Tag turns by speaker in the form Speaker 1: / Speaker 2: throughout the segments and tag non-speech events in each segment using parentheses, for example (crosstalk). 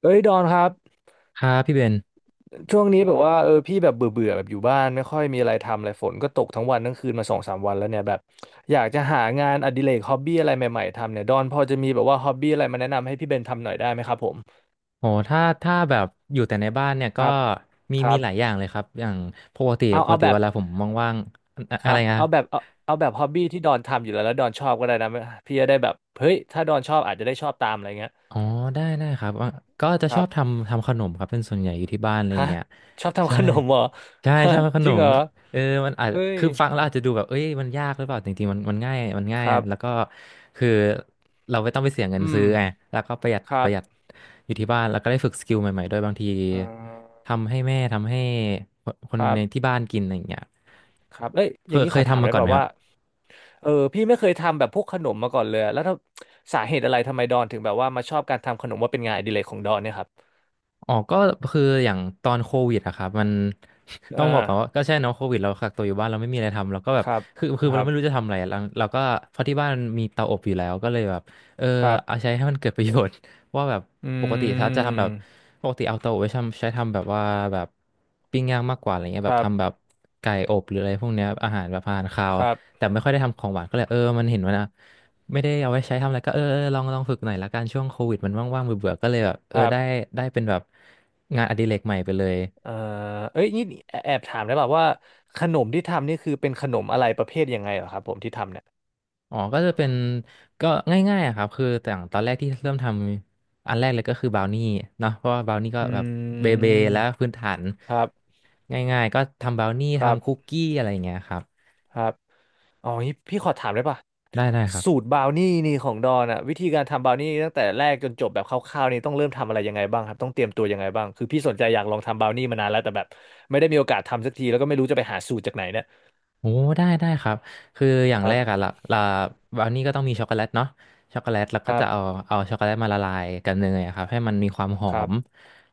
Speaker 1: เอ้ยดอนครับ
Speaker 2: ครับพี่เบน
Speaker 1: ช่วงนี้แบบว่าพี่แบบเบื่อเบื่อแบบอยู่บ้านไม่ค่อยมีอะไรทำอะไรฝนก็ตกทั้งวันทั้งคืนมาสองสามวันแล้วเนี่ยแบบอยากจะหางานอดิเรกฮอบบี้อะไรใหม่ๆทำเนี่ยดอนพอจะมีแบบว่าฮอบบี้อะไรมาแนะนำให้พี่เบนทำหน่อยได้ไหมครับผม
Speaker 2: โหถ้า แบบ อยู่แต่ในบ้านเนี่ย
Speaker 1: ค
Speaker 2: ก็
Speaker 1: รับ
Speaker 2: มี
Speaker 1: ครั
Speaker 2: มี
Speaker 1: บ
Speaker 2: หลาย อย่างเลยครับ อย่างปกติ
Speaker 1: เอา
Speaker 2: ปก
Speaker 1: เอา
Speaker 2: ติ
Speaker 1: แบ
Speaker 2: เว
Speaker 1: บ
Speaker 2: ลาผม ว่างๆอะ
Speaker 1: ค
Speaker 2: อะ
Speaker 1: รั
Speaker 2: ไร
Speaker 1: บ
Speaker 2: นะ
Speaker 1: เอาแบบเอาแบบฮอบบี้ที่ดอนทำอยู่แล้วแล้วดอนชอบก็ได้นะพี่จะได้แบบเฮ้ยถ้าดอนชอบอาจจะได้ชอบตามอะไรเงี้ย
Speaker 2: อ๋อได้ครับอ่ะก็จะ
Speaker 1: ค
Speaker 2: ช
Speaker 1: รั
Speaker 2: อ
Speaker 1: บ
Speaker 2: บทำขนมครับเป็นส่วนใหญ่อยู่ที่บ้านอะไรอย่า
Speaker 1: ฮะ
Speaker 2: งเงี้ย
Speaker 1: ชอบทำ
Speaker 2: ใช่
Speaker 1: ขนมเหรอ
Speaker 2: ใช่
Speaker 1: ฮะ
Speaker 2: ชอบข
Speaker 1: จ
Speaker 2: น
Speaker 1: ริงเห
Speaker 2: ม
Speaker 1: รอ
Speaker 2: เออมันอาจ
Speaker 1: เอ้ย
Speaker 2: คือฟังแล้วอาจจะดูแบบเอ้ยมันยากหรือเปล่าจริงๆมันง่ายมันง่า
Speaker 1: ค
Speaker 2: ย
Speaker 1: รั
Speaker 2: แล้ว
Speaker 1: บ
Speaker 2: ก็คือเราไม่ต้องไปเสียเงิน
Speaker 1: อื
Speaker 2: ซื้
Speaker 1: ม
Speaker 2: อไงแล้วก็ประหยัด
Speaker 1: ค
Speaker 2: ป
Speaker 1: รับ
Speaker 2: ระหยัดอยู่ที่บ้านแล้วก็ได้ฝึกสกิลใหม่ๆด้วยบางที
Speaker 1: อ่า
Speaker 2: ทำให้แม่ทำให้คนคน
Speaker 1: ครั
Speaker 2: ในที่
Speaker 1: บ
Speaker 2: บ้านกินอะไรอย่างเงี้ย
Speaker 1: ครับเอ้ยอ
Speaker 2: เค
Speaker 1: ย่าง
Speaker 2: ย
Speaker 1: นี้
Speaker 2: เค
Speaker 1: ข
Speaker 2: ย
Speaker 1: อถาม
Speaker 2: ทำมา
Speaker 1: ได้
Speaker 2: ก่อ
Speaker 1: เป
Speaker 2: นไหม
Speaker 1: ล่า
Speaker 2: ครั
Speaker 1: ว่า
Speaker 2: บ
Speaker 1: พี่ไม่เคยทำแบบพวกขนมมาก่อนเลยอะแล้วถ้าสาเหตุอะไรทำไมดอนถึงแบบว่ามาชอบการทำขนมว่าเป็นงานอดิเรกของดอนเนี่ยครับ
Speaker 2: อ๋อก็คืออย่างตอนโควิดอะครับมัน (laughs) ต้อ
Speaker 1: อ่า
Speaker 2: งบอกก่อนว่าก็ใช่เนาะโควิดเรากักตัวอยู่บ้านเราไม่มีอะไรทำเราก็แบ
Speaker 1: ค
Speaker 2: บ
Speaker 1: รับ
Speaker 2: คือ
Speaker 1: ครั
Speaker 2: เราไม่รู้
Speaker 1: บ
Speaker 2: จะทำอะไรเราก็เพราะที่บ้านมีเตาอบอยู่แล้วก็เลยแบบเออ
Speaker 1: ครั
Speaker 2: เอา
Speaker 1: บ
Speaker 2: ใช้ให้มันเกิดประโยชน์ (laughs) ว่าแบบ
Speaker 1: อื
Speaker 2: ปกติถ้าจะทำแบบ
Speaker 1: ม
Speaker 2: ปกติเอาเตาอบไว้ทำใช้ทำแบบว่าแบบปิ้งย่างมากกว่าอะไรเงี้ย
Speaker 1: ค
Speaker 2: แบบ
Speaker 1: รับ
Speaker 2: ทำแบบไก่อบหรืออะไรพวกเนี้ยอาหารแบบอาหารคาว
Speaker 1: ครับ
Speaker 2: แต่ไม่ค่อยได้ทำของหวานก็เลยเออมันเห็นว่านะ ไม่ได้เอาไว้ใช้ทำอะไรก็เออลองฝึกหน่อยละกันช่วงโควิดมันว่างๆเบื่อๆก็เลยแบบเอ
Speaker 1: ค
Speaker 2: อ
Speaker 1: รั
Speaker 2: ได้
Speaker 1: บ
Speaker 2: ได้เป็นแบบงานอดิเรกใหม่ไปเลย
Speaker 1: เอ่อเอ้ยนี่แอบแอบถามได้เปล่าว่าขนมที่ทำนี่คือเป็นขนมอะไรประเภทยังไงเหรอครับผมที่ทำเนี่ย
Speaker 2: อ๋อก็จะเป็นก็ง่ายๆอะครับคือแต่างตอนแรกที่เริ่มทำอันแรกเลยก็คือบราวนี่เนาะเพราะว่าบราวนี่ก็
Speaker 1: อื
Speaker 2: แบบเบ
Speaker 1: ม
Speaker 2: แล้วพื้นฐาน
Speaker 1: ครับ
Speaker 2: ง่ายๆก็ทำบราวนี่
Speaker 1: ครั
Speaker 2: ทำคุก
Speaker 1: บ
Speaker 2: กี้อะไรอย่างเงี้ยครับ
Speaker 1: ครับ อ๋องี้พี่ขอถามได้ป่ะ
Speaker 2: ได้ครับ
Speaker 1: สูตรบราวนี่นี่ของดอนอะวิธีการทำบราวนี่ตั้งแต่แรกจนจบแบบคร่าวๆนี่ต้องเริ่มทำอะไรยังไงบ้างครับต้องเตรียมตัวยังไงบ้างคือพี่สนใจอยากลองทำบราวนี่มานานแล้วแต่แบบไม่ได้มีโอกาสทำสักทีแล้วก็ไม่รู้จะไปหาสูตรจากไหนเนี่ย
Speaker 2: โอ้ได้ครับคืออย่าง
Speaker 1: ค
Speaker 2: แร
Speaker 1: รั
Speaker 2: กอะ
Speaker 1: บ
Speaker 2: ละบราวนี่ก็ต้องมีช็อกโกแลตเนาะช็อกโกแลตแล้ว
Speaker 1: ค
Speaker 2: ก็
Speaker 1: รั
Speaker 2: จะเอา
Speaker 1: บ
Speaker 2: เอาช็อกโกแลตมาละลายกับเนยอะครับให้มันมีความหอ
Speaker 1: ครับ
Speaker 2: ม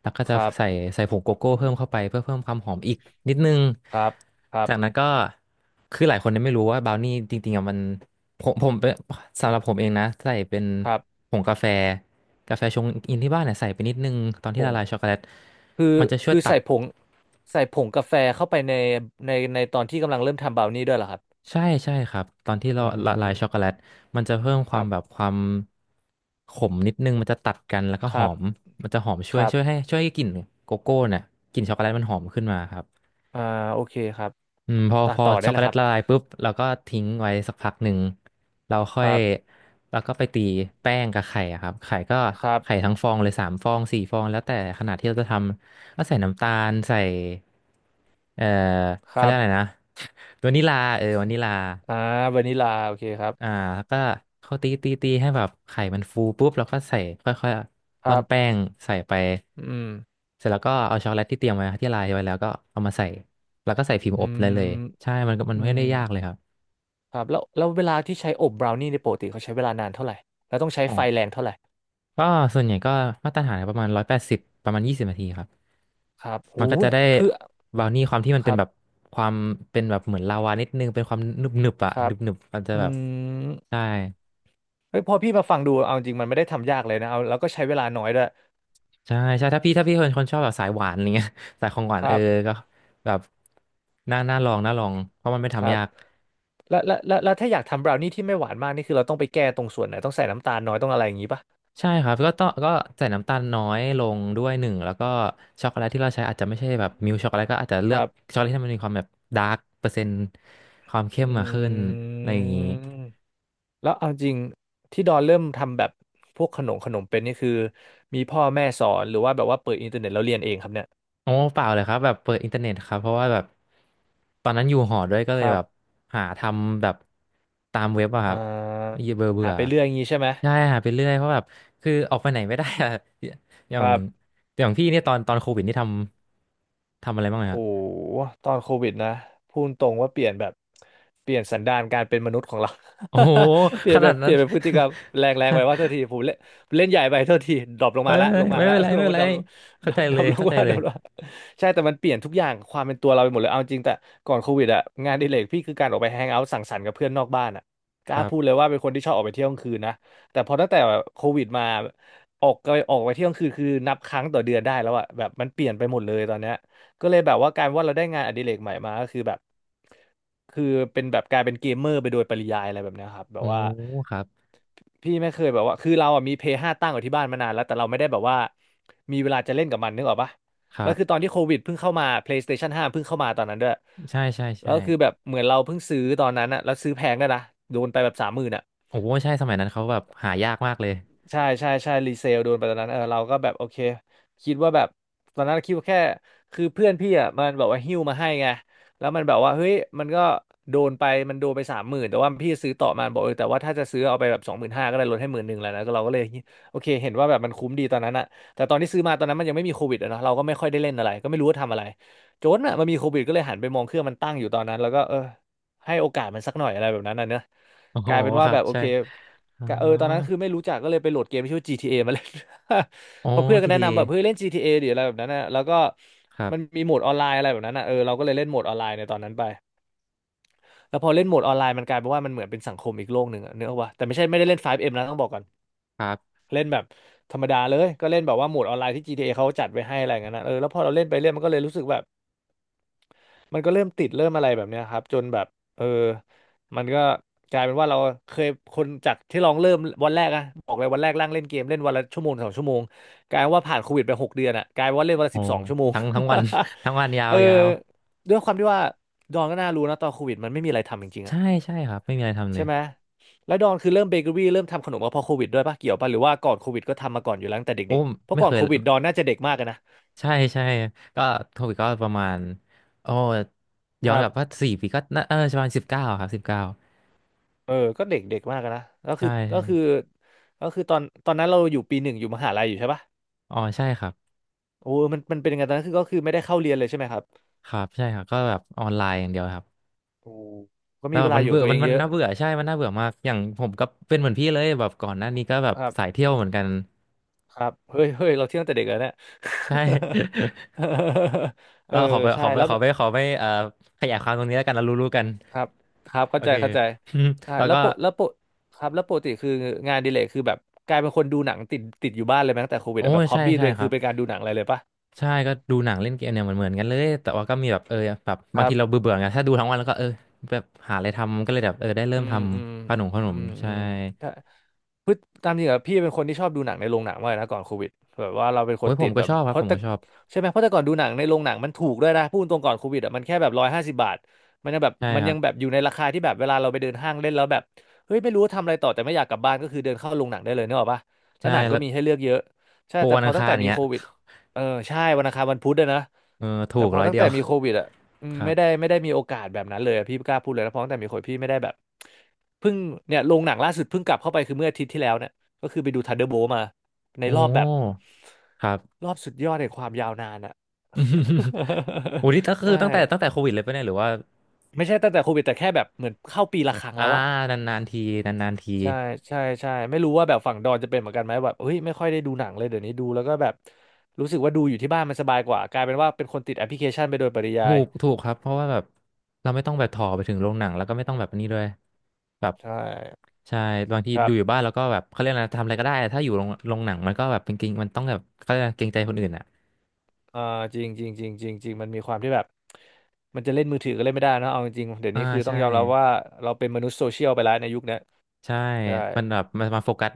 Speaker 2: แล้วก็
Speaker 1: ค
Speaker 2: จะ
Speaker 1: รับ
Speaker 2: ใส่ใส่ผงโกโก้เพิ่มเข้าไปเพื่อเพิ่มความหอมอีกนิดนึง
Speaker 1: ครับครับ
Speaker 2: จากนั้นก็คือหลายคนเนี่ยไม่รู้ว่าบราวนี่จริงๆอะมันผมเป็นสำหรับผมเองนะใส่เป็น
Speaker 1: ครับ
Speaker 2: ผงกาแฟกาแฟชงอินที่บ้านเนี่ยใส่ไปนิดนึงตอน
Speaker 1: ผ
Speaker 2: ที่
Speaker 1: ง
Speaker 2: ละลายช็อกโกแลต
Speaker 1: คือ
Speaker 2: มันจะช่วย
Speaker 1: คือ
Speaker 2: ตัด
Speaker 1: ใส่ผงใส่ผงกาแฟเข้าไปในในตอนที่กำลังเริ่มทำบราวนี่ด้วยเหรอครับ
Speaker 2: ใช่ครับตอนที่เรา
Speaker 1: อื
Speaker 2: ละลายช็อกโก
Speaker 1: ม
Speaker 2: แลตมันจะเพิ่มค
Speaker 1: ค
Speaker 2: วา
Speaker 1: รั
Speaker 2: มแบบ
Speaker 1: บ
Speaker 2: ความขมนิดนึงมันจะตัดกันแล้วก็
Speaker 1: ค
Speaker 2: ห
Speaker 1: รั
Speaker 2: อม
Speaker 1: บ
Speaker 2: มันจะหอมช่
Speaker 1: ค
Speaker 2: วย
Speaker 1: รับ
Speaker 2: ช่วยให้ช่วยให้กลิ่นโกโก้เนี่ยกลิ่นช็อกโกแลตมันหอมขึ้นมาครับ
Speaker 1: อ่าโอเคครับ
Speaker 2: อืมพอ
Speaker 1: ต่อ
Speaker 2: พอ
Speaker 1: ต่อได้
Speaker 2: ช็อก
Speaker 1: เล
Speaker 2: โก
Speaker 1: ย
Speaker 2: แล
Speaker 1: ค
Speaker 2: ต
Speaker 1: รับ
Speaker 2: ละลายปุ๊บเราก็ทิ้งไว้สักพักหนึ่งเราค่
Speaker 1: ค
Speaker 2: อย
Speaker 1: รับ
Speaker 2: เราก็ไปตีแป้งกับไข่อะครับไข่ก็
Speaker 1: ครับ
Speaker 2: ไข่ทั้งฟองเลย3 ฟอง4 ฟองแล้วแต่ขนาดที่เราจะทำก็ใส่น้ำตาลใส่เอ่อ
Speaker 1: ค
Speaker 2: เขา
Speaker 1: รั
Speaker 2: เรียก
Speaker 1: บ
Speaker 2: อะไรนะ (laughs) วานิลาเออวานิลา
Speaker 1: อ่าวานิลาโอเคครับ
Speaker 2: อ่าแล้วก็เขาตีให้แบบไข่มันฟูปุ๊บแล้วก็ใส่ค่อย
Speaker 1: ค
Speaker 2: ๆร่อ
Speaker 1: รั
Speaker 2: นแป้
Speaker 1: บ
Speaker 2: งใส่ไป
Speaker 1: อืม
Speaker 2: เสร็จแล้วก็เอาช็อกโกแลตที่เตรียมไว้ที่ลายไว้แล้วก็เอามาใส่แล้วก็ใส่พิมพ์
Speaker 1: อื
Speaker 2: อบเลย
Speaker 1: ม
Speaker 2: ใช่มันก็มัน
Speaker 1: อื
Speaker 2: ไม่ได้
Speaker 1: ม
Speaker 2: ยากเลยครับ
Speaker 1: ครับแล้วแล้วเวลาที่ใช้อบบราวนี่ในยปกติเขาใช้เวลานานเท่าไหร่แล้วต้องใช้
Speaker 2: อ๋อ
Speaker 1: ไฟแรงเท่าไหร่
Speaker 2: ก็ส่วนใหญ่ก็มาตรฐานประมาณ180ประมาณ20 นาทีครับ
Speaker 1: ครับ
Speaker 2: มัน
Speaker 1: หู
Speaker 2: ก็จะได้
Speaker 1: คือ
Speaker 2: บราวนี่ความที่มัน
Speaker 1: ค
Speaker 2: เป็น
Speaker 1: รับ
Speaker 2: แบบความเป็นแบบเหมือนลาวานิดนึงเป็นความหนึบหนึบอะ
Speaker 1: ครั
Speaker 2: หนึ
Speaker 1: บ
Speaker 2: บหนึบมันจะ
Speaker 1: อื
Speaker 2: แบบ
Speaker 1: ม
Speaker 2: ใช่
Speaker 1: เฮ้ยพอพี่มาฟังดูเอาจริง มันไม่ได้ทำยากเลยนะเอาแล้วก็ใช้เวลาน้อยด้วย
Speaker 2: ใช่ใช่ถ้าพี่เป็นคนชอบแบบสายหวานอะไรเงี้ย (laughs) สายของหวา
Speaker 1: ค
Speaker 2: นเอ
Speaker 1: รั
Speaker 2: อ
Speaker 1: บ
Speaker 2: ก็แบบน่าลองเพราะมันไม่
Speaker 1: ครั
Speaker 2: ทำ
Speaker 1: บ
Speaker 2: ยาก
Speaker 1: แล้วถ้าอยากทำบราวนี่ที่ไม่หวานมากนี่คือเราต้องไปแก้ตรงส่วนไหนต้องใส่น้ำตาลน้อยต้องอะไรอย่างงี้ปะ
Speaker 2: ใช่ครับก็ต้องใส่น้ำตาลน้อยลงด้วยหนึ่งแล้วก็ช็อกโกแลตที่เราใช้อาจจะไม่ใช่แบบมิลช็อกโกแลตก็อาจจะเลื
Speaker 1: ค
Speaker 2: อก
Speaker 1: รับ
Speaker 2: ช็อกโกแลตที่มันมีความแบบดาร์กเปอร์เซ็นต์ความเข้ม
Speaker 1: อื
Speaker 2: มาขึ้นอะไรอย่างนี้
Speaker 1: ม แล้วเอาจริงที่ดอนเริ่มทำแบบพวกขนมขนมเป็นนี่คือมีพ่อแม่สอนหรือว่าแบบว่าเปิดอินเทอร์เน็ตแล้วเรียนเองครับเนี่ย
Speaker 2: โอ้เปล่าเลยครับแบบเปิดอินเทอร์เน็ตครับเพราะว่าแบบตอนนั้นอยู่หอด้วยก็เล
Speaker 1: ค
Speaker 2: ย
Speaker 1: รับ
Speaker 2: แบบหาทำแบบตามเว็บอะค
Speaker 1: อ่
Speaker 2: รับเ
Speaker 1: า
Speaker 2: บื่อเบื่
Speaker 1: หา
Speaker 2: อ
Speaker 1: ไปเรื่อยอย่างนี้ใช่ไหม
Speaker 2: ใช่หาไปเรื่อยเพราะแบบคือออกไปไหนไม่ได้อะ (laughs) อ
Speaker 1: ค
Speaker 2: ย่าง
Speaker 1: รับ
Speaker 2: อย่างพี่เนี่ยตอนโควิดนี่ทำอะไรบ้างไหม
Speaker 1: โห
Speaker 2: ครับ
Speaker 1: ตอนโควิดนะพูดตรงว่าเปลี่ยนแบบเปลี่ยนสันดานการเป็นมนุษย์ของเรา
Speaker 2: โอ้โห
Speaker 1: (laughs) เปลี่
Speaker 2: ข
Speaker 1: ยนแบ
Speaker 2: นาด
Speaker 1: บเป
Speaker 2: นั้
Speaker 1: ลี่
Speaker 2: น
Speaker 1: ยนเป็นพฤติกรรมแรงแรงไปว่าเท่า
Speaker 2: (laughs)
Speaker 1: ทีผมเล่นเล่นใหญ่ไปเท่าทีดรอปลง
Speaker 2: ไม่
Speaker 1: มาละลงมา
Speaker 2: ไม่
Speaker 1: ละ
Speaker 2: เป็นไร
Speaker 1: (laughs) ล
Speaker 2: ไม่
Speaker 1: ง
Speaker 2: เป็น
Speaker 1: มา
Speaker 2: ไร
Speaker 1: ดรอปลง (laughs) ด
Speaker 2: เข้าใจ
Speaker 1: ร
Speaker 2: เล
Speaker 1: อป
Speaker 2: ย
Speaker 1: ลง
Speaker 2: เข้าใจ
Speaker 1: ว่า
Speaker 2: เล
Speaker 1: ดร
Speaker 2: ย
Speaker 1: อปลงาใช่แต่มันเปลี่ยนทุกอย่างความเป็นตัวเราไปหมดเลยเอาจริงแต่ก่อนโควิดอะงานอดิเรกพี่คือการออกไปแฮงเอาท์สังสรรค์กับเพื่อนนอกบ้านอะก
Speaker 2: ค
Speaker 1: ล้า
Speaker 2: รั
Speaker 1: พูดเลย
Speaker 2: บ
Speaker 1: ว่าเป็นคนที่ชอบออกไปเที่ยวกลางคืนนะแต่พอตั้งแต่โควิดมาออกไปเที่ยวกลางคืนคือนับครั้งต่อเดือนได้แล้วอะแบบมันเปลี่ยนไปหมดเลยตอนเนี้ย ก็เลยแบบว่ากลารว่าเราได้งานอดิเรกใหม่มาก็คือแบบคือเป็นแบบกลายเป็นเกมเมอร์ไปโดยปริยายอะไรแบบเนี้ยครับแบ
Speaker 2: โอ้
Speaker 1: บว่า
Speaker 2: ครับ
Speaker 1: พี่ไม่เคยแบบว่าคือเราอ่ะมีเพย์ห้าตั้งอยู่ที่บ้านมานานแล้วแต่เราไม่ได้แบบว่ามีเวลาจะเล่นกับมันนึกออกปะ
Speaker 2: ค
Speaker 1: แล้
Speaker 2: รั
Speaker 1: วคือตอ
Speaker 2: บ
Speaker 1: นที่โควิดเพิ่งเข้ามา PlayStation 5เพิ่งเข้ามาตอนนั้นด้วย
Speaker 2: ใช่ใช่
Speaker 1: แล้
Speaker 2: ใช่
Speaker 1: วคือแบบเหมือนเราเพิ่งซื้อตอนนั้นอะแล้วซื้อแพงด้วยนะโดนไปแบบสามหมื่นอะ
Speaker 2: โอ้โหใช่สมัยนั้นเขาแบบหายากมากเลย
Speaker 1: ใช่ใช่ใช่รีเซลโดนไปตอนนั้นเออเราก็แบบโอเคคิดว่าแบบตอนนั้นคิดว่าแค่คือเพื่อนพี่อ่ะมันแบบว่าหิ้วมาให้ไงแล้วมันแบบว่าเฮ้ยมันก็โดนไปมันโดนไป30,000แต่ว่าพี่ซื้อต่อมาบอกเออแต่ว่าถ้าจะซื้อเอาไปแบบ25,000ก็ได้ลดให้หมื่นหนึ่งแล้วนะก็เราก็เลยโอเคเห็นว่าแบบมันคุ้มดีตอนนั้นอะแต่ตอนที่ซื้อมาตอนนั้นมันยังไม่มีโควิดอะเนาะเราก็ไม่ค่อยได้เล่นอะไรก็ไม่รู้ว่าทำอะไรจนอะมันมีโควิดก็เลยหันไปมองเครื่องมันตั้งอยู่ตอนนั้นแล้วก็เออให้โอกาสมันสักหน่อยอะไรแบบนั้นนะเนอะ
Speaker 2: โอ้
Speaker 1: ก
Speaker 2: โห
Speaker 1: ลายเป็น
Speaker 2: ค
Speaker 1: ว่า
Speaker 2: รั
Speaker 1: แบ
Speaker 2: บ
Speaker 1: บโอ
Speaker 2: ใช่
Speaker 1: เค
Speaker 2: อ๋อ
Speaker 1: กะเออตอนนั้นคือไม่รู้จักก็เลยไปโหลดเกมที่ชื่อว่า GTA มาเล่น
Speaker 2: อ๋อ
Speaker 1: (laughs) เพอเพื่อนก็แนะ
Speaker 2: GTA
Speaker 1: นำแบบเฮ้ยเล่น GTA ดิอะไรแบบนั้นนะแล้วก็
Speaker 2: ครั
Speaker 1: มัน
Speaker 2: บ
Speaker 1: มีโหมดออนไลน์อะไรแบบนั้นนะเออเราก็เลยเล่นโหมดออนไลน์ในตอนนั้นไป แล้วพอเล่นโหมดออนไลน์มันกลายเป็นว่ามันเหมือนเป็นสังคมอีกโลกหนึ่งอะเนื้ออกปะแต่ไม่ใช่ไม่ได้เล่น 5M นะต้องบอกก่อน
Speaker 2: ครับ
Speaker 1: เล่นแบบธรรมดาเลยก็เล่นแบบว่าโหมดออนไลน์ที่ GTA เอเขาจัดไว้ให้อะไรอย่างนั้นนะเออแล้วพอเราเล่นไปเล่นก็เลยรู้สึกแบบ มันก็เริ่มติดเริ่มอะไรแบบเนี้ยครับจนแบบเออมันก็กลายเป็นว่าเราเคยคนจากที่ลองเริ่มวันแรกอะบอกเลยวันแรกร่างเล่นเกมเล่นวันละชั่วโมงสองชั่วโมงกลายเป็นว่าผ่านโควิดไป6 เดือนอะกลายเป็นว่าเล่นวันละ
Speaker 2: โอ้
Speaker 1: 12 ชั่วโมง
Speaker 2: ทั้งวัน (laughs) ทั้งวันยา
Speaker 1: (laughs) เอ
Speaker 2: ว
Speaker 1: อ
Speaker 2: ยาว
Speaker 1: ด้วยความที่ว่าดอนก็น่ารู้นะตอนโควิดมันไม่มีอะไรทำจริงๆ
Speaker 2: ใช่
Speaker 1: อะ
Speaker 2: ใช่ครับไม่มีอะไรทำเล
Speaker 1: ใช่
Speaker 2: ย
Speaker 1: ไหมแล้วดอนคือเริ่มเบเกอรี่เริ่มทำขนมมาพอโควิดด้วยปะเกี่ยวปะหรือว่าก่อนโควิดก็ทำมาก่อนอยู่แล้วตั้งแต่
Speaker 2: โอ้
Speaker 1: เด็กๆเพราะ
Speaker 2: ไม่
Speaker 1: ก่อ
Speaker 2: เค
Speaker 1: น
Speaker 2: ย
Speaker 1: โควิดดอนน่าจะเด็กมากอะนะ
Speaker 2: ใช่ใช่ ก็โควิดก็ประมาณโอ้
Speaker 1: ค
Speaker 2: ย้อน
Speaker 1: รั
Speaker 2: กลับว่า
Speaker 1: บ
Speaker 2: 4 ปีก็น่าประมาณสิบเก้าครับสิบเก้า
Speaker 1: เออก็เด็กเด็กมากอะนะก็คื
Speaker 2: ใช่
Speaker 1: อก็
Speaker 2: ใช่
Speaker 1: คือก็คือตอนตอนนั้นเราอยู่ปีหนึ่งอยู่มหาลัยอยู่ใช่ปะ
Speaker 2: อ๋อใช่ครับ
Speaker 1: โอ้มันมันเป็นยังไงตอนนั้นคือก็คือไม่ได้เข้าเรียนเลยใช่ไหมครับ
Speaker 2: ครับใช่ครับก็แบบออนไลน์อย่างเดียวครับ
Speaker 1: โอ้ก็
Speaker 2: แล้
Speaker 1: มี
Speaker 2: วแบ
Speaker 1: เว
Speaker 2: บ
Speaker 1: ลา
Speaker 2: มัน
Speaker 1: อยู่กั
Speaker 2: เบื่
Speaker 1: บ
Speaker 2: อ
Speaker 1: ตัว
Speaker 2: มั
Speaker 1: เอ
Speaker 2: น
Speaker 1: ง
Speaker 2: มั
Speaker 1: เย
Speaker 2: น
Speaker 1: อะ
Speaker 2: น่าเบื่อใช่มันน่าเบื่อมากอย่างผมก็เป็นเหมือนพี่เลยแบบก่อนหน้านี้ก็แบบ
Speaker 1: ครับ
Speaker 2: สายเที่ยวเหมือนกัน
Speaker 1: ครับเฮ้ยเฮ้ยเราเที่ยวตั้งแต่เด็กแล้วเนี่ย
Speaker 2: (laughs) ใช่
Speaker 1: (laughs) เออ
Speaker 2: ขอไปข
Speaker 1: ใช่
Speaker 2: อไป
Speaker 1: แล้ว
Speaker 2: ขอ
Speaker 1: แบบ
Speaker 2: ไปขอไปขยายความตรงนี้แล้วกันเรารู้ๆกัน
Speaker 1: ครับครับ
Speaker 2: โอ
Speaker 1: เข้าใจ
Speaker 2: เค
Speaker 1: เข้าใจอ่า
Speaker 2: (laughs) แล้ว
Speaker 1: แล้ว
Speaker 2: ก็
Speaker 1: โปกแล้วโปะครับแล้วปกติคืองานอดิเลกคือแบบกลายเป็นคนดูหนังติดติดอยู่บ้านเลยไหมตั้งแต่โควิด
Speaker 2: โอ้
Speaker 1: อะแบ
Speaker 2: ย
Speaker 1: บฮอ
Speaker 2: ใช่
Speaker 1: บบี้ตั
Speaker 2: ใช่
Speaker 1: วเอง
Speaker 2: ครั
Speaker 1: คือ
Speaker 2: บ
Speaker 1: เป็นการดูหนังอะไรเลยปะ
Speaker 2: ใช่ก็ดูหนังเล่นเกมเนี่ยเหมือนกันเลยแต่ว่าก็มีแบบแบบ
Speaker 1: ค
Speaker 2: บาง
Speaker 1: รับ
Speaker 2: ทีเราเบื่อเบื่อไงถ้าดูทั้งวันแล้วก็แบบหาอะไรทำก็เลยแบบได้เริ่
Speaker 1: อื
Speaker 2: มท
Speaker 1: มอืม
Speaker 2: ำขนมขน
Speaker 1: อื
Speaker 2: ม
Speaker 1: มอื
Speaker 2: ใช่
Speaker 1: มถ้าพฤติตามจริงอะพี่เป็นคนที่ชอบดูหนังในโรงหนังมากเลยนะก่อนโควิดแบบว่าเราเป็นค
Speaker 2: โอ้
Speaker 1: น
Speaker 2: ยผ
Speaker 1: ติ
Speaker 2: ม
Speaker 1: ด
Speaker 2: ก็
Speaker 1: แบบ
Speaker 2: ชอบค
Speaker 1: เพ
Speaker 2: รับผ
Speaker 1: ราะ
Speaker 2: ม
Speaker 1: แต่
Speaker 2: ก็ชอบ
Speaker 1: ใช่ไหมเพราะแต่ก่อนดูหนังในโรงหนังมันถูกด้วยนะพูดตรงก่อนโควิดอะมันแค่แบบ150 บาทมันยังแบบ
Speaker 2: ใช่
Speaker 1: มัน
Speaker 2: ครั
Speaker 1: ยั
Speaker 2: บ
Speaker 1: งแบบอยู่ในราคาที่แบบเวลาเราไปเดินห้างเล่นแล้วแบบเฮ้ยไม่รู้ว่าทำอะไรต่อแต่ไม่อยากกลับบ้านก็คือเดินเข้าโรงหนังได้เลยเนกอะปะแล้
Speaker 2: ใช่
Speaker 1: วหนังก็
Speaker 2: แล้ว
Speaker 1: มีให้เลือกเยอะใช่
Speaker 2: โปร
Speaker 1: แต่
Speaker 2: วัน
Speaker 1: พ
Speaker 2: อั
Speaker 1: อ
Speaker 2: ง
Speaker 1: ตั้ง
Speaker 2: คาร
Speaker 1: แต่
Speaker 2: อย่าง
Speaker 1: มี
Speaker 2: เงี้
Speaker 1: โค
Speaker 2: ย
Speaker 1: วิดเออใช่วันอังคารวันพุธด้วยนะ
Speaker 2: เออถู
Speaker 1: แต่
Speaker 2: ก
Speaker 1: พอ
Speaker 2: ร้อย
Speaker 1: ตั้ง
Speaker 2: เดีย
Speaker 1: แต่
Speaker 2: ว
Speaker 1: มีโควิดอะ อื
Speaker 2: (laughs)
Speaker 1: ม
Speaker 2: ครั
Speaker 1: ไม่
Speaker 2: บ
Speaker 1: ได้ไม่ได้มีโอกาสแบบนั้นเลยอะพี่กล้าพูดเลยนะเพราะตั้งแต่มีคนพี่ไม่ได้แบบเพิ่งเนี่ยโรงหนังล่าสุดเพิ่งกลับเข้าไปคือเมื่ออาทิตย์ที่แล้วเนี่ยก็คือไปดู Thunderbolt มาใน
Speaker 2: โอ
Speaker 1: รอบแบบ
Speaker 2: ้ครับ
Speaker 1: รอบสุดยอดแห่งความยาวนานอะ
Speaker 2: (laughs) โอ้นี่ก็
Speaker 1: (laughs)
Speaker 2: คือ
Speaker 1: ใช่
Speaker 2: ตั้งแต่โควิดเลยปะเนี่ยหรือว่า
Speaker 1: ไม่ใช่ตั้งแต่โควิดแต่แค่แบบเหมือนเข้าปีละครั้ง
Speaker 2: อ่า
Speaker 1: แล้วอะ
Speaker 2: นานๆทีนานๆที
Speaker 1: ใช่ใช่ใช่ไม่รู้ว่าแบบฝั่งดอนจะเป็นเหมือนกันไหมแบบเฮ้ยไม่ค่อยได้ดูหนังเลยเดี๋ยวนี้ดูแล้วก็แบบรู้สึกว่าดูอยู่ที่บ้านมันสบายกว่ากลายเป็นว่าเป็นคนติดแอปพลิเคชันไปโดยปริยา
Speaker 2: ถู
Speaker 1: ย
Speaker 2: กถูกครับเพราะว่าแบบเราไม่ต้องแบบถอไปถึงโรงหนังแล้วก็ไม่ต้องแบบนี้ด้วยแบบ
Speaker 1: ใช่
Speaker 2: ใช่บางที
Speaker 1: ครั
Speaker 2: ดู
Speaker 1: บ
Speaker 2: อยู่บ้านแล้วก็แบบเขาเรียกอะไรทำอะไรก็ได้ถ้าอยู่โรงโรงหนังมันก็แบบเป็นเกรงมันต้องแบบเขาเรียกอะไรเกรงใจคนอื่นอ่ะ
Speaker 1: อ่าจริงจริงจริงจริงจริงมันมีความที่แบบมันจะเล่นมือถือก็เล่นไม่ได้นะเอาจริงๆเดี๋ยว
Speaker 2: อ่า
Speaker 1: นี้คือต้อ
Speaker 2: ใช่
Speaker 1: งยอมรับว่าเราเป็นมนุษย์โซเชียลไปแล้วในยุคเนี้ย
Speaker 2: ใช่
Speaker 1: ใช่
Speaker 2: มันแบบมันมาโฟกัส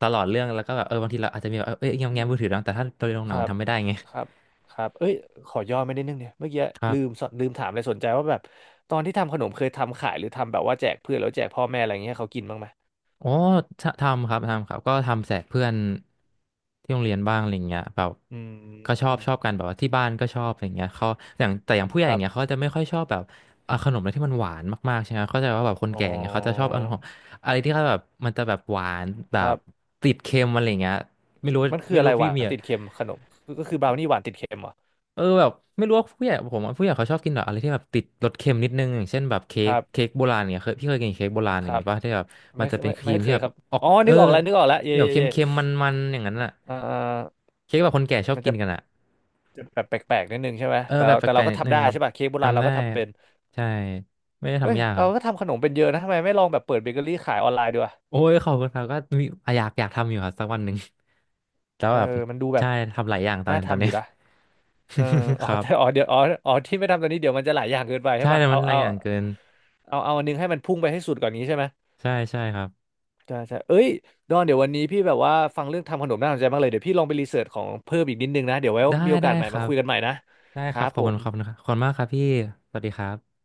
Speaker 2: ตลอดเรื่องแล้วก็แบบบางทีเราอาจจะมีแบบเอ้ยแง้ม
Speaker 1: อื
Speaker 2: แง้
Speaker 1: ม
Speaker 2: มมือถือบ้างแต่ถ้าตอนโรงห
Speaker 1: ค
Speaker 2: นัง
Speaker 1: รั
Speaker 2: มัน
Speaker 1: บ
Speaker 2: ทำไม่ได้ไง
Speaker 1: ครับครับเอ้ยขอย่อไม่ได้นดนึงเนี่ยเมื่อกี้
Speaker 2: ครั
Speaker 1: ลืม
Speaker 2: บ
Speaker 1: สลืมถามเลยสนใจว่าแบบตอนที่ทำขนมเคยทำขายหรือทำแบบว่าแจกเพื่อนแล้วแจกพ่อแม่อะไรอย่างเงี้ยให้เขากินบ้างไหม
Speaker 2: อ๋อททำครับทำครับก็ทำแจกเพื่อนที่โรงเรียนบ้างอะไรเงี้ยแบบ
Speaker 1: อื
Speaker 2: ก็ชอบ
Speaker 1: ม
Speaker 2: ชอบกันแบบว่าที่บ้านก็ชอบอะไรเงี้ยเขาอย่างแต่อย่างผู้ใหญ่
Speaker 1: ค
Speaker 2: อ
Speaker 1: รั
Speaker 2: ย่าง
Speaker 1: บ
Speaker 2: เงี้ยเขาจะไม่ค่อยชอบแบบเอาขนมอะไรที่มันหวานมากๆใช่ไหมเขาใจะว่าแบบคน
Speaker 1: อ๋อ
Speaker 2: แก่อย่างเงี้ยเขาจะชอบเอาของอะไรที่เขาแบบมันจะแบบหวานแบ
Speaker 1: ครั
Speaker 2: บ
Speaker 1: บ
Speaker 2: ติดเค็มอะไรเงี้ยไม่รู้
Speaker 1: มันคือ
Speaker 2: ไม่
Speaker 1: อะ
Speaker 2: รู้
Speaker 1: ไรห
Speaker 2: พี่
Speaker 1: วา
Speaker 2: เมี
Speaker 1: น
Speaker 2: ย
Speaker 1: ติดเค็มขนมก็ก็คือบราวนี่หวานติดเค็มเหรอ
Speaker 2: เออแบบไม่รู้ว่าผู้ใหญ่ผมว่าผู้ใหญ่เขาชอบกินแบบอะไรที่แบบติดรสเค็มนิดนึงอย่างเช่นแบบเค้
Speaker 1: ค
Speaker 2: ก
Speaker 1: รั
Speaker 2: เค้
Speaker 1: บ
Speaker 2: กโบราณเนี่ยเคยพี่เคยกินเค้กโบราณ
Speaker 1: ค
Speaker 2: อย่าง
Speaker 1: รับ
Speaker 2: เงี้ยป่ะที่แบบมั
Speaker 1: ไม่
Speaker 2: น
Speaker 1: เค
Speaker 2: จะ
Speaker 1: ย
Speaker 2: เป็น
Speaker 1: ไม่
Speaker 2: ครี
Speaker 1: ไม่
Speaker 2: ม
Speaker 1: เค
Speaker 2: ที่
Speaker 1: ย
Speaker 2: แบบ
Speaker 1: ครับ
Speaker 2: ออก
Speaker 1: อ๋อนึกออกแล้วนึกออกแล้วเย่
Speaker 2: ที่แบบ
Speaker 1: เย่เย่
Speaker 2: เค็มๆมันๆอย่างนั้นอะ
Speaker 1: เอ่อ
Speaker 2: เค้กแบบคนแก่ชอบ
Speaker 1: มัน
Speaker 2: กิ
Speaker 1: จะ
Speaker 2: นกันอะ
Speaker 1: แบบแปลกๆนิดนึงใช่ไหม
Speaker 2: เออ
Speaker 1: แต่
Speaker 2: แบบ
Speaker 1: เรา
Speaker 2: แป
Speaker 1: แต่
Speaker 2: ล
Speaker 1: เรา
Speaker 2: ก
Speaker 1: ก็
Speaker 2: ๆนิด
Speaker 1: ทำ
Speaker 2: นึ
Speaker 1: ได้
Speaker 2: ง
Speaker 1: ใช่ป่ะเค้กโบราณ
Speaker 2: ทำ
Speaker 1: เรา
Speaker 2: ได้
Speaker 1: ก็ทำเป็น
Speaker 2: ใช่ไม่ได้
Speaker 1: เฮ้ย
Speaker 2: ทำยากค
Speaker 1: เรา
Speaker 2: รับ
Speaker 1: ก็ทำขนมเป็นเยอะนะทำไมไม่ลองแบบเปิดเบเกอรี่ขายออนไลน์ดีวะ
Speaker 2: โอ้ยขอบคุณครับก็มีอยากอยากทำอยู่ครับสักวันหนึ่ง (laughs) แล้ว
Speaker 1: เออ
Speaker 2: แบบ
Speaker 1: มันดูแบ
Speaker 2: ใช่
Speaker 1: บ
Speaker 2: ทำหลายอย่างตอน
Speaker 1: น่า
Speaker 2: นี้ตอน
Speaker 1: ทำอ
Speaker 2: นี้
Speaker 1: ยู่นะเอออ๋
Speaker 2: (laughs)
Speaker 1: อ
Speaker 2: ครับ
Speaker 1: แต่อ๋อเดี๋ยวอ๋ออ๋อที่ไม่ทำตอนนี้เดี๋ยวมันจะหลายอย่างเกินไปใช่
Speaker 2: ใช่
Speaker 1: ป่ะ
Speaker 2: แต่
Speaker 1: เอา
Speaker 2: มันหลาย
Speaker 1: เอา
Speaker 2: อย่างเกิน
Speaker 1: เอาอันนึงให้มันพุ่งไปให้สุดก่อนนี้ใช่ไหม
Speaker 2: ใช่ใช่ครับ
Speaker 1: ใช่ใช่เอ้ยดอนเดี๋ยววันนี้พี่แบบว่าฟังเรื่องทำขนมน่าสนใจมากเลยเดี๋ยวพี่ลองไปรีเสิร์ชของเพิ่มอีกนิดนึงนะเดี๋ยวไว้
Speaker 2: ได้
Speaker 1: มีโอ
Speaker 2: ได้
Speaker 1: กาสใหม่
Speaker 2: ครั
Speaker 1: มา
Speaker 2: บ
Speaker 1: คุยกันใหม่นะ
Speaker 2: ได้
Speaker 1: ค
Speaker 2: ค
Speaker 1: รั
Speaker 2: รับ
Speaker 1: บ
Speaker 2: ขอ
Speaker 1: ผ
Speaker 2: บคุณ
Speaker 1: ม
Speaker 2: ครับขอบคุณมากครับพี่สวัสดีครับ